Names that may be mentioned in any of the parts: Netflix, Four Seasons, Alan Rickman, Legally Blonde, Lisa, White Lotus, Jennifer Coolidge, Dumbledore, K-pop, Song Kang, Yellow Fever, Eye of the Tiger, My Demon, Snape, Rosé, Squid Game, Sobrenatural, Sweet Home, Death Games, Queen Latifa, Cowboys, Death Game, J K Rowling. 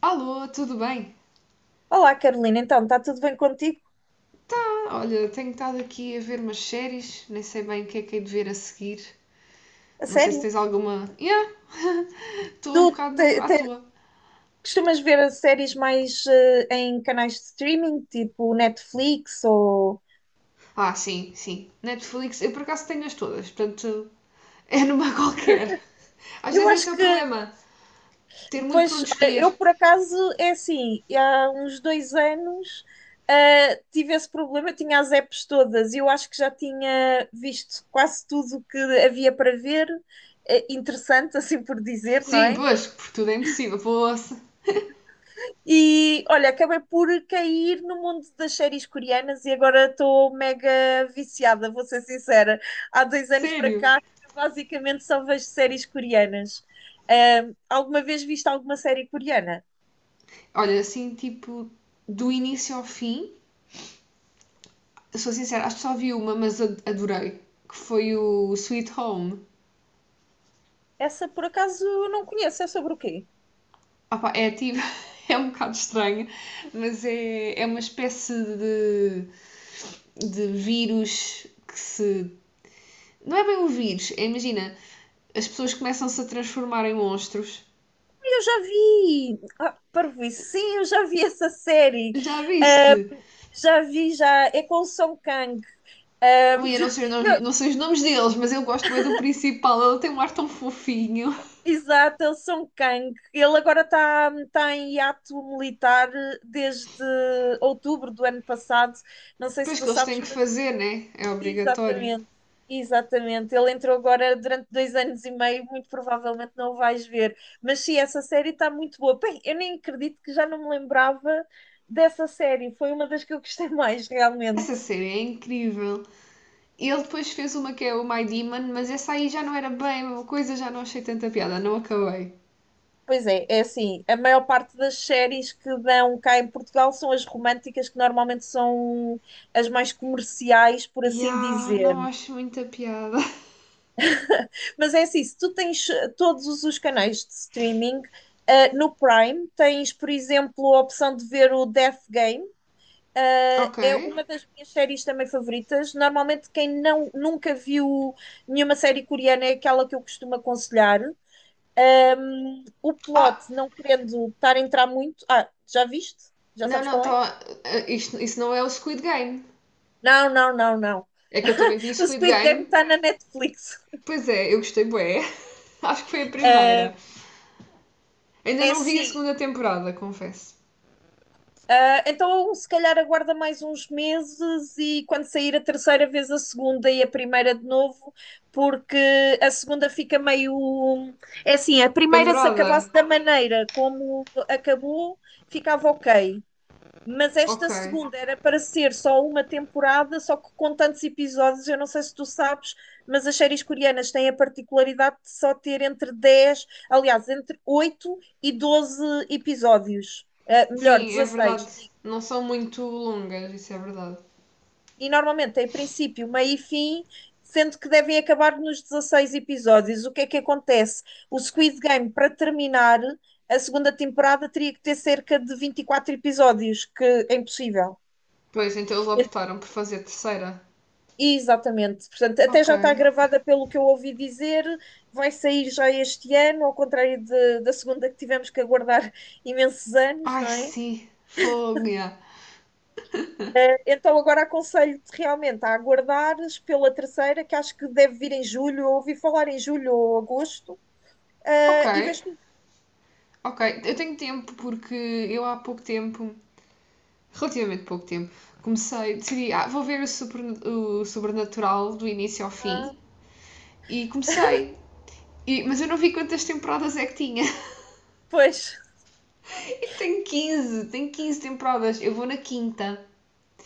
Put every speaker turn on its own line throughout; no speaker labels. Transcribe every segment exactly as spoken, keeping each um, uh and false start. Alô, tudo bem?
Olá, Carolina, então, está tudo bem contigo?
Ah, olha, tenho estado aqui a ver umas séries, nem sei bem o que é que hei de ver a seguir.
A
Não sei se
sério?
tens alguma. Yeah, estou
Tu
um
te-
bocado à
te-
toa.
costumas ver as séries mais eh, em canais de streaming, tipo Netflix ou...
Ah, sim, sim. Netflix, eu por acaso tenho as todas, portanto é numa qualquer. Às
Eu
vezes esse
acho
é o
que,
problema, ter muito por
pois,
onde
olha,
escolher.
eu por acaso, é assim, há uns dois anos eh, tive esse problema, eu tinha as apps todas, e eu acho que já tinha visto quase tudo o que havia para ver, eh, interessante, assim por dizer, não
Sim,
é?
pois, porque tudo é impossível, poça.
E olha, acabei por cair no mundo das séries coreanas e agora estou mega viciada, vou ser sincera. Há dois anos para
Sério.
cá, basicamente só vejo séries coreanas. Ahm, alguma vez viste alguma série coreana?
Olha, assim, tipo, do início ao fim, sou sincera, acho que só vi uma, mas adorei, que foi o Sweet Home.
Essa por acaso eu não conheço, é sobre o quê?
Opa, é ativo, é um bocado estranho, mas é, é uma espécie de, de vírus que se. Não é bem um vírus, é, imagina, as pessoas começam-se a transformar em monstros.
Eu já vi! Ah, parvoíce, sim, eu já vi essa série.
Já viste?
Ahm, já vi, já. É com o Song Kang. Ahm,
Ui, eu não sei, os nomes-
não,
não sei os nomes deles, mas eu gosto bem do principal, ele tem um ar tão fofinho.
exato, é o Song Kang. Ele agora está tá em hiato militar eh, desde outubro do ano passado. Não sei se
Depois
tu
que eles
sabes,
têm que
mas
fazer, né? É obrigatório.
exatamente, exatamente. Ele entrou agora durante dois anos e meio, muito provavelmente não o vais ver. Mas sim, essa série está muito boa. Bem, eu nem acredito que já não me lembrava dessa série. Foi uma das que eu gostei mais, realmente.
Essa série é incrível. Ele depois fez uma que é o My Demon, mas essa aí já não era bem a mesma coisa, já não achei tanta piada, não acabei.
Pois é, é assim, a maior parte das séries que dão cá em Portugal são as românticas, que normalmente são as mais comerciais, por assim
Ya,
dizer.
não acho muita piada.
Mas é assim, se tu tens eh, todos os canais de streaming, ah, no Prime tens, por exemplo, a opção de ver o Death Game, ah,
Ok.
é uma das minhas séries também favoritas. Normalmente quem não, nunca viu nenhuma série coreana é aquela que eu costumo aconselhar. Um, o
Ah,
plot, não querendo estar a entrar muito. Ah, já viste? Já
não,
sabes
não,
qual é?
tá, ah, isto, isso não é o Squid Game.
Não, não, não, não.
É que eu também vi o
O
Squid
Squid
Game.
Game está na Netflix.
Pois é, eu gostei bué. Acho que foi a
Uh,
primeira. Ainda
é
não vi a
assim.
segunda temporada, confesso.
uh, então, se calhar aguarda mais uns meses e quando sair a terceira vez, a segunda e a primeira de novo, porque a segunda fica meio. É assim, a primeira, se
Pendurada?
acabasse da maneira como acabou, ficava ok. Mas
Ok.
esta segunda era para ser só uma temporada, só que com tantos episódios, eu não sei se tu sabes, mas as séries coreanas têm a particularidade de só ter entre dez, aliás, entre oito e doze episódios, Eh, melhor,
Sim, é
dezasseis.
verdade. Não são muito longas, isso é verdade.
E normalmente tem princípio, meio e fim, sendo que devem acabar nos dezasseis episódios. O que é que acontece? O Squid Game, para terminar, a segunda temporada teria que ter cerca de vinte e quatro episódios, que é impossível.
Pois, então eles optaram por fazer terceira.
Exatamente, portanto, até
Ok.
já está gravada pelo que eu ouvi dizer, vai sair já este ano, ao contrário de- da segunda que tivemos que aguardar imensos anos,
Ai,
não é?
sim. Fogo, ya.
Eh, Então agora aconselho-te realmente a aguardares pela terceira, que acho que deve vir em julho, eu ouvi falar em julho ou agosto,
Ok.
eh, e vês tudo.
Ok, eu tenho tempo porque eu há pouco tempo relativamente pouco tempo, comecei, decidi, ah, vou ver o, super, o Sobrenatural do início ao
Ah,
fim e comecei. E- mas eu não vi quantas temporadas é que tinha.
pois,
E tem quinze tem quinze temporadas. Eu vou na quinta.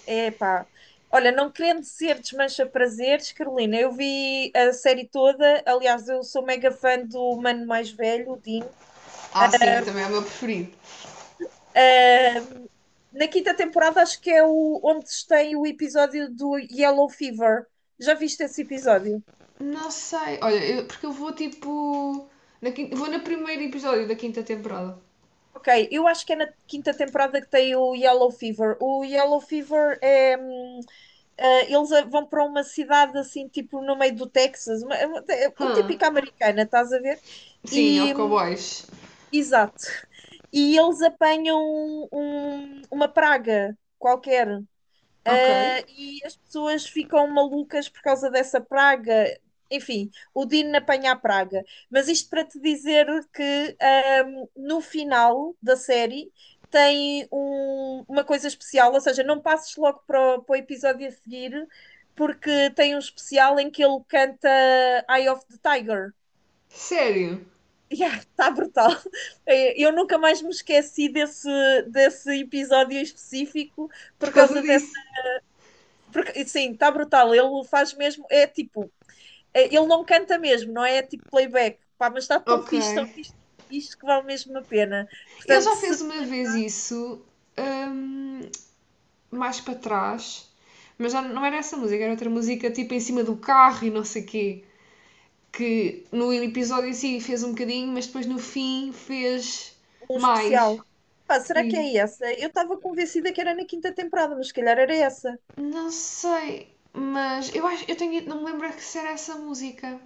é pá. Olha, não querendo ser desmancha-prazeres, Carolina, eu vi a série toda, aliás, eu sou mega fã do mano mais velho, o Dean.
Ah, sim, eu também é o meu preferido.
Uh, na quinta temporada acho que é o, onde tem o episódio do Yellow Fever. Já viste esse episódio?
Não sei, olha, eu- porque eu vou tipo. Na quinta- vou no primeiro episódio da quinta temporada.
Ok, eu acho que é na quinta temporada que tem o Yellow Fever. O Yellow Fever é. hum, eh, eles a- vão para uma cidade assim, tipo no meio do Texas, uma- é uma- é o
Hã?
típico americana, estás a ver?
Huh. Sim, ao
E, hum,
Cowboys.
exato. E eles apanham um- uma praga qualquer.
Ok.
Ah, e as pessoas ficam malucas por causa dessa praga. Enfim, o Dino apanha a praga. Mas isto para te dizer que ahm, no final da série tem um- uma coisa especial, ou seja, não passes logo para o, para o episódio a seguir, porque tem um especial em que ele canta Eye of the Tiger.
Sério?
Yeah, está brutal. Eh, Eu nunca mais me esqueci desse, desse episódio específico
Por
por
causa
causa dessa
disso.
porque, sim, está brutal. Ele faz mesmo, é tipo, é- ele não canta mesmo, não é tipo playback, pá, mas está tão
Ok.
fixe, tão fixe, tão fixe que vale mesmo a pena.
Ele
Portanto,
já
se
fez
te
uma
lembro
vez isso hum, mais para trás, mas já não era essa música, era outra música tipo em cima do carro e não sei o quê, que no episódio em si fez um bocadinho, mas depois no fim fez
de um especial,
mais.
pá, será que
Sim.
é essa? Eu estava convencida que era na quinta temporada, mas se calhar era essa.
Não sei, mas eu acho, eu tenho, não me lembro que se era essa música.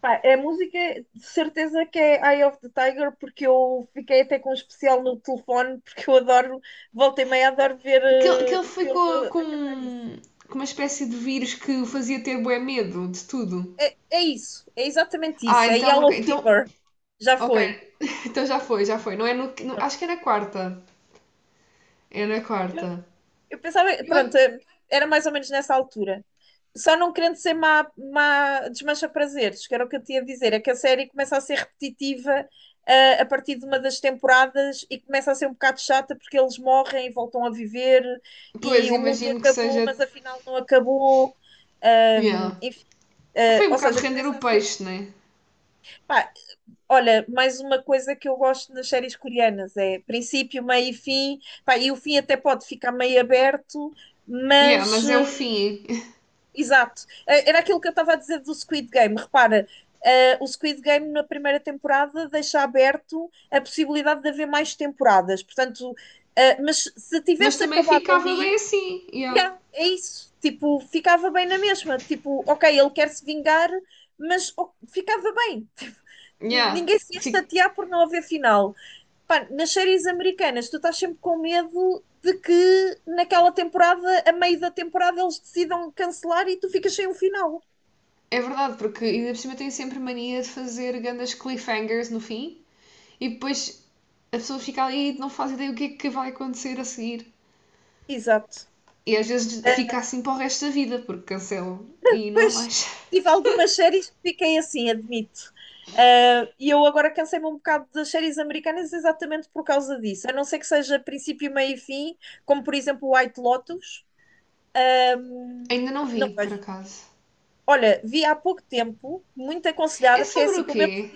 Pá, é a música, de certeza que é Eye of the Tiger, porque eu fiquei até com um especial no telefone, porque eu adoro, volta e meia, adoro ver,
Que, ele- que
eh,
ele
vê-lo
ficou
a cantar isso.
com, com uma espécie de vírus que o fazia ter bué medo de tudo.
É, é isso, é exatamente
Ah,
isso, é
então,
Yellow
ok, então,
Fever, já
ok,
foi.
então já foi, já foi. Não é no, no- acho
Pronto.
que é na quarta. É na
Eu,
quarta.
eu pensava,
Eu, a-
pronto, eh, era mais ou menos nessa altura. Só não querendo ser má, má desmancha prazeres, que era o que eu tinha a dizer, é que a série começa a ser repetitiva, eh, a partir de uma das temporadas e começa a ser um bocado chata porque eles morrem e voltam a viver
Pois,
e o mundo
imagino que
acabou,
seja.
mas afinal não acabou. Ahm,
Yeah.
enfim, eh,
Foi um
ou
bocado
seja,
render
começa
o
a ser.
peixe, né?
Pá, olha, mais uma coisa que eu gosto nas séries coreanas é princípio, meio e fim. Pá, e o fim até pode ficar meio aberto,
Yeah,
mas
mas é o
eh,
fim.
exato. Eh, Era aquilo que eu estava a dizer do Squid Game. Repara, eh, o Squid Game na primeira temporada deixa aberto a possibilidade de haver mais temporadas. Portanto, eh, mas se
Mas
tivesse
também
acabado
ficava bem
ali,
assim. Yeah.
yeah, é isso. Tipo, ficava bem na mesma. Tipo, ok, ele quer se vingar, mas oh, ficava bem
Yeah.
ninguém se ia
Fi-
chatear por não haver final. Pá, nas séries americanas, tu estás sempre com medo de que naquela temporada, a meio da temporada, eles decidam cancelar e tu ficas sem um final.
É verdade, porque ainda por cima tem sempre mania de fazer grandes cliffhangers no fim e depois a pessoa fica ali e não faz ideia o que é que vai acontecer a seguir.
Exato.
E às vezes
Uh,
fica assim para o resto da vida, porque cancelam e não há
pois,
mais.
tive algumas séries que fiquei assim, admito. Uh, e eu agora cansei-me um bocado das séries americanas exatamente por causa disso. A não ser que seja princípio, meio e fim, como por exemplo White Lotus.
Ainda não
Não
vi, por
vejo.
acaso.
Olha, vi há pouco tempo, muito
É
aconselhada, porque é
sobre
assim,
o
como eu
quê?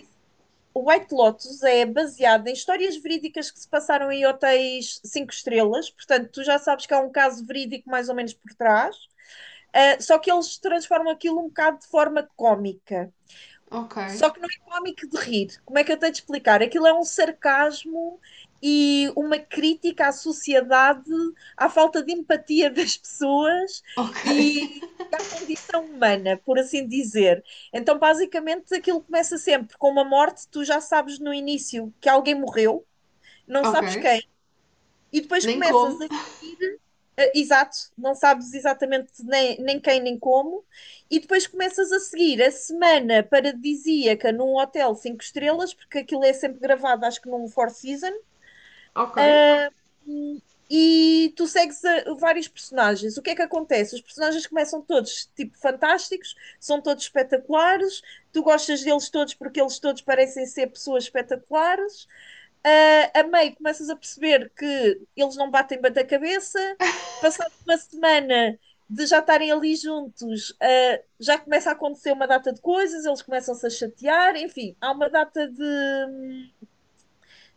o White Lotus é baseado em histórias verídicas que se passaram em hotéis cinco estrelas, portanto, tu já sabes que há um caso verídico mais ou menos por trás, ah, só que eles transformam aquilo um bocado de forma cómica.
Ok.
Só que não é cómico de rir. Como é que eu tenho de explicar? Aquilo é um sarcasmo e uma crítica à sociedade, à falta de empatia das pessoas
Ok.
e à condição humana, por assim dizer. Então, basicamente, aquilo começa sempre com uma morte, tu já sabes no início que alguém morreu, não
Ok.
sabes quem, e depois
Nem
começas
como.
a seguir. eh, Exato, não sabes exatamente nem, nem quem nem como, e depois começas a seguir a semana paradisíaca num hotel cinco estrelas, porque aquilo é sempre gravado, acho que num Four Seasons,
Ok.
e tu segues a- vários personagens. O que é que acontece? Os personagens começam todos, tipo, fantásticos, são todos espetaculares, tu gostas deles todos porque eles todos parecem ser pessoas espetaculares. Ah, a meio começas a perceber que eles não batem bem cabeça. Passado uma semana de já estarem ali juntos, ah, já começa a acontecer uma data de coisas, eles começam-se a chatear, enfim, há uma data de,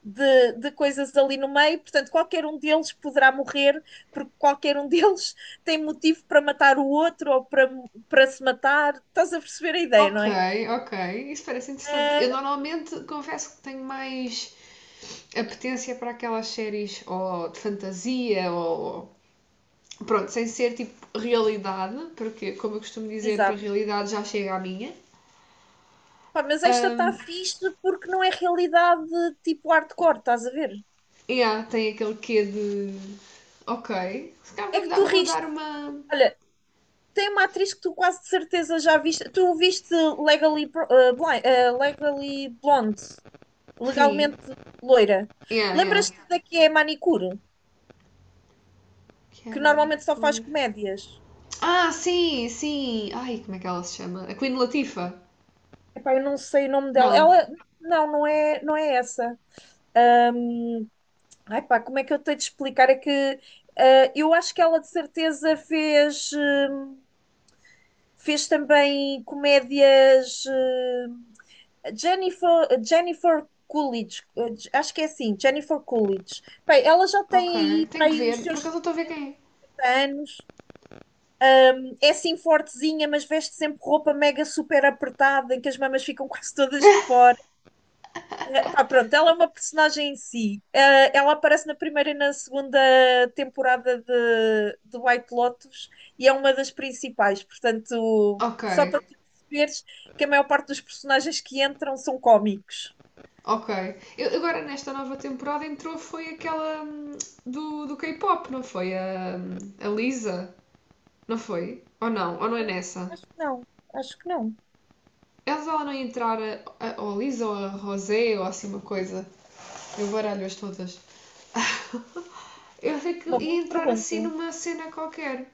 de, de coisas ali no meio, portanto, qualquer um deles poderá morrer, porque qualquer um deles tem motivo para matar o outro ou para, para se matar. Estás a perceber a ideia, não
Ok,
é?
ok. Isso parece interessante. Eu
Uh,
normalmente confesso que tenho mais apetência para aquelas séries ou de fantasia ou. Pronto, sem ser tipo realidade, porque, como eu costumo dizer, para a
exato.
realidade já chega à minha.
Pá, mas esta está
Ahm,
fixe porque não é realidade tipo hardcore, estás a ver?
yeah, tem aquele quê de. Ok. Se calhar
É
vou,
que
dar-
tu
vou dar
riste.
uma.
Olha, tem uma atriz que tu quase de certeza já viste. Tu viste Legally, uh, Blind, uh, Legally Blonde,
Sim.
legalmente loira.
Yeah, yeah.
Lembras-te da que é manicure?
Que é
Que normalmente só faz
manicure.
comédias.
Ah, sim, sim. Ai, como é que ela se chama? A Queen Latifa?
Epá, eu não sei o nome dela.
Não.
Ela, não, não é, não é essa. Ahm, ai pá, como é que eu tenho de explicar? É que ah, eu acho que ela de certeza fez, hum, fez também comédias. hum, Jennifer, Jennifer Coolidge, eh, acho que é assim, Jennifer Coolidge. Bem, ela já
Ok.
tem aí, para
Tenho que
aí os
ver. Por
seus
acaso eu
cinquenta
estou a ver quem é.
anos, é assim fortezinha, mas veste sempre roupa mega super apertada, em que as mamas ficam quase todas de fora. Eh, pá, pronto, ela é uma personagem em si. Eh, ela aparece na primeira e na segunda temporada de, de White Lotus e é uma das principais. Portanto,
Ok,
só para tu perceberes que a maior parte dos personagens que entram são cómicos.
ok. Eu- agora nesta nova temporada entrou foi aquela hum, do, do K-pop, não foi? A, a Lisa, não foi? Ou não? Ou não é
Eh,
nessa?
Acho que não, acho que não.
Elas ela não ia entrar a, a, ou a Lisa ou a Rosé ou assim uma coisa. Eu baralho-as todas. Eu sei que
Uma boa
ia entrar assim
pergunta,
numa cena qualquer.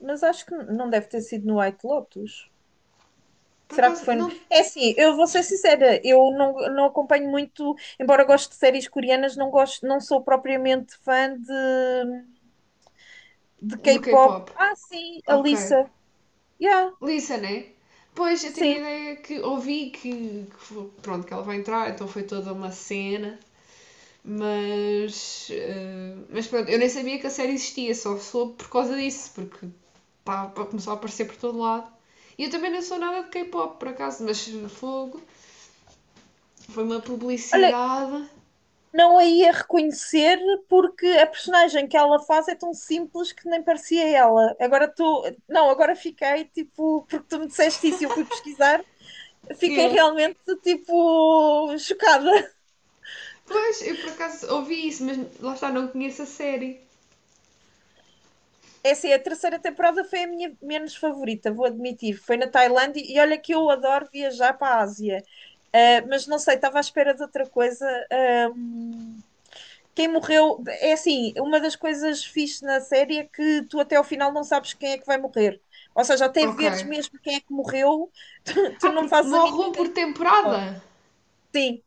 mas acho que não deve ter sido no White Lotus.
Por
Será que foi?
acaso,
no-
não.
É assim, eu vou ser sincera, eu não, não acompanho muito, embora goste de séries coreanas, não gosto, não sou propriamente fã de, de
Do
K-pop.
K-pop.
Ah, sim, a
Ok.
Lisa. Yeah,
Lisa, né? Pois, eu tinha a
sim.
ideia que ouvi que, que fo- pronto, que ela vai entrar, então foi toda uma cena. Mas, eh, mas pronto, eu nem sabia que a série existia, só soube por causa disso, porque pá, pá, começou a aparecer por todo lado. E eu também não sou nada de K-pop, por acaso, mas fogo, foi uma
Olha,
publicidade.
não a ia reconhecer porque a personagem que ela faz é tão simples que nem parecia ela. Agora estou. Não, agora fiquei tipo, porque tu me disseste isso e eu fui pesquisar, fiquei
Yeah.
realmente tipo chocada.
Pois, eu por acaso ouvi isso, mas lá está, não conheço a série.
É assim, a terceira temporada foi a minha menos favorita, vou admitir. Foi na Tailândia e olha que eu adoro viajar para a Ásia. Ah, mas não sei, estava à espera de outra coisa. Ah, quem morreu. É assim, uma das coisas fixe na série é que tu até ao final não sabes quem é que vai morrer. Ou seja, até
Ok.
veres mesmo quem é que morreu, tu, tu
Ah,
não
porque
fazes a
morre
mínima
um por
ideia de quem é que
temporada?
morreu. Sim,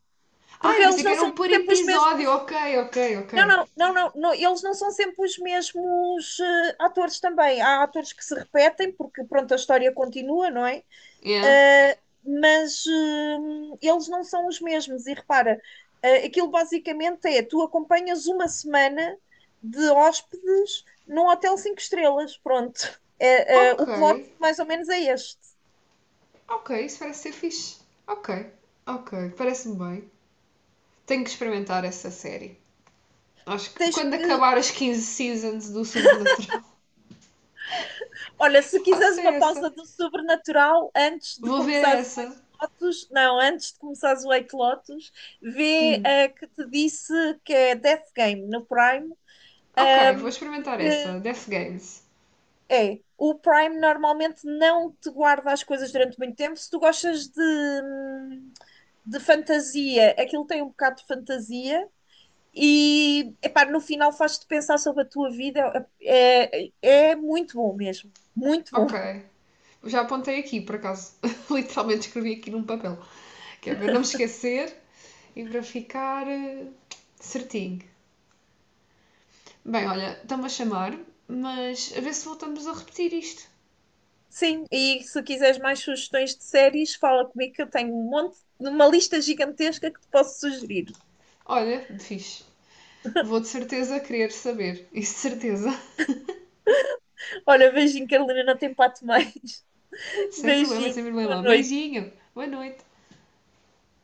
Ah,
porque
eu pensei
eles
que
não
era um
são
por
sempre os
episódio.
mesmos.
Ok, ok,
Não,
ok.
não, não, não, não, eles não são sempre os mesmos eh, atores também. Há atores que se repetem, porque pronto, a história continua, não é?
Yeah.
Eh, mas eh, eles não são os mesmos. E repara, eh, aquilo basicamente é: tu acompanhas uma semana de hóspedes num hotel cinco estrelas. Pronto. Eh, eh, o
Ok,
plot mais ou menos é este.
ok, isso parece ser fixe. Ok, ok, parece-me bem. Tenho que experimentar essa série. Acho que
Tens
quando
que.
acabar as quinze seasons do Sobrenatural,
Olha, se
faço
quiseres uma
essa.
pausa do sobrenatural antes de
Vou ver
começares o White
essa.
Lotus, não, antes de começares o White Lotus, vê
Hum.
a que te disse que é Death Game no Prime.
Ok, vou
ahm,
experimentar
que
essa. Death Games.
é, o Prime normalmente não te guarda as coisas durante muito tempo. Se tu gostas de, hum, de fantasia, aquilo tem um bocado de fantasia. E epá, no final faz-te pensar sobre a tua vida. É, é é, muito bom mesmo, muito bom.
Ok. Já apontei aqui, por acaso. Literalmente escrevi aqui num papel. Que é para não me esquecer e para ficar eh, certinho. Bem, olha, estão-me a chamar, mas a ver se voltamos a repetir isto.
Sim, e se quiseres mais sugestões de séries, fala comigo que eu tenho um monte, uma lista gigantesca que te posso sugerir.
Olha, fixe. Vou de certeza querer saber. Isso de certeza.
Olha, beijinho, Carolina, não tem pato mais.
Sem problema,
Beijinho,
sem
boa
problema.
noite.
Beijinho. Boa noite.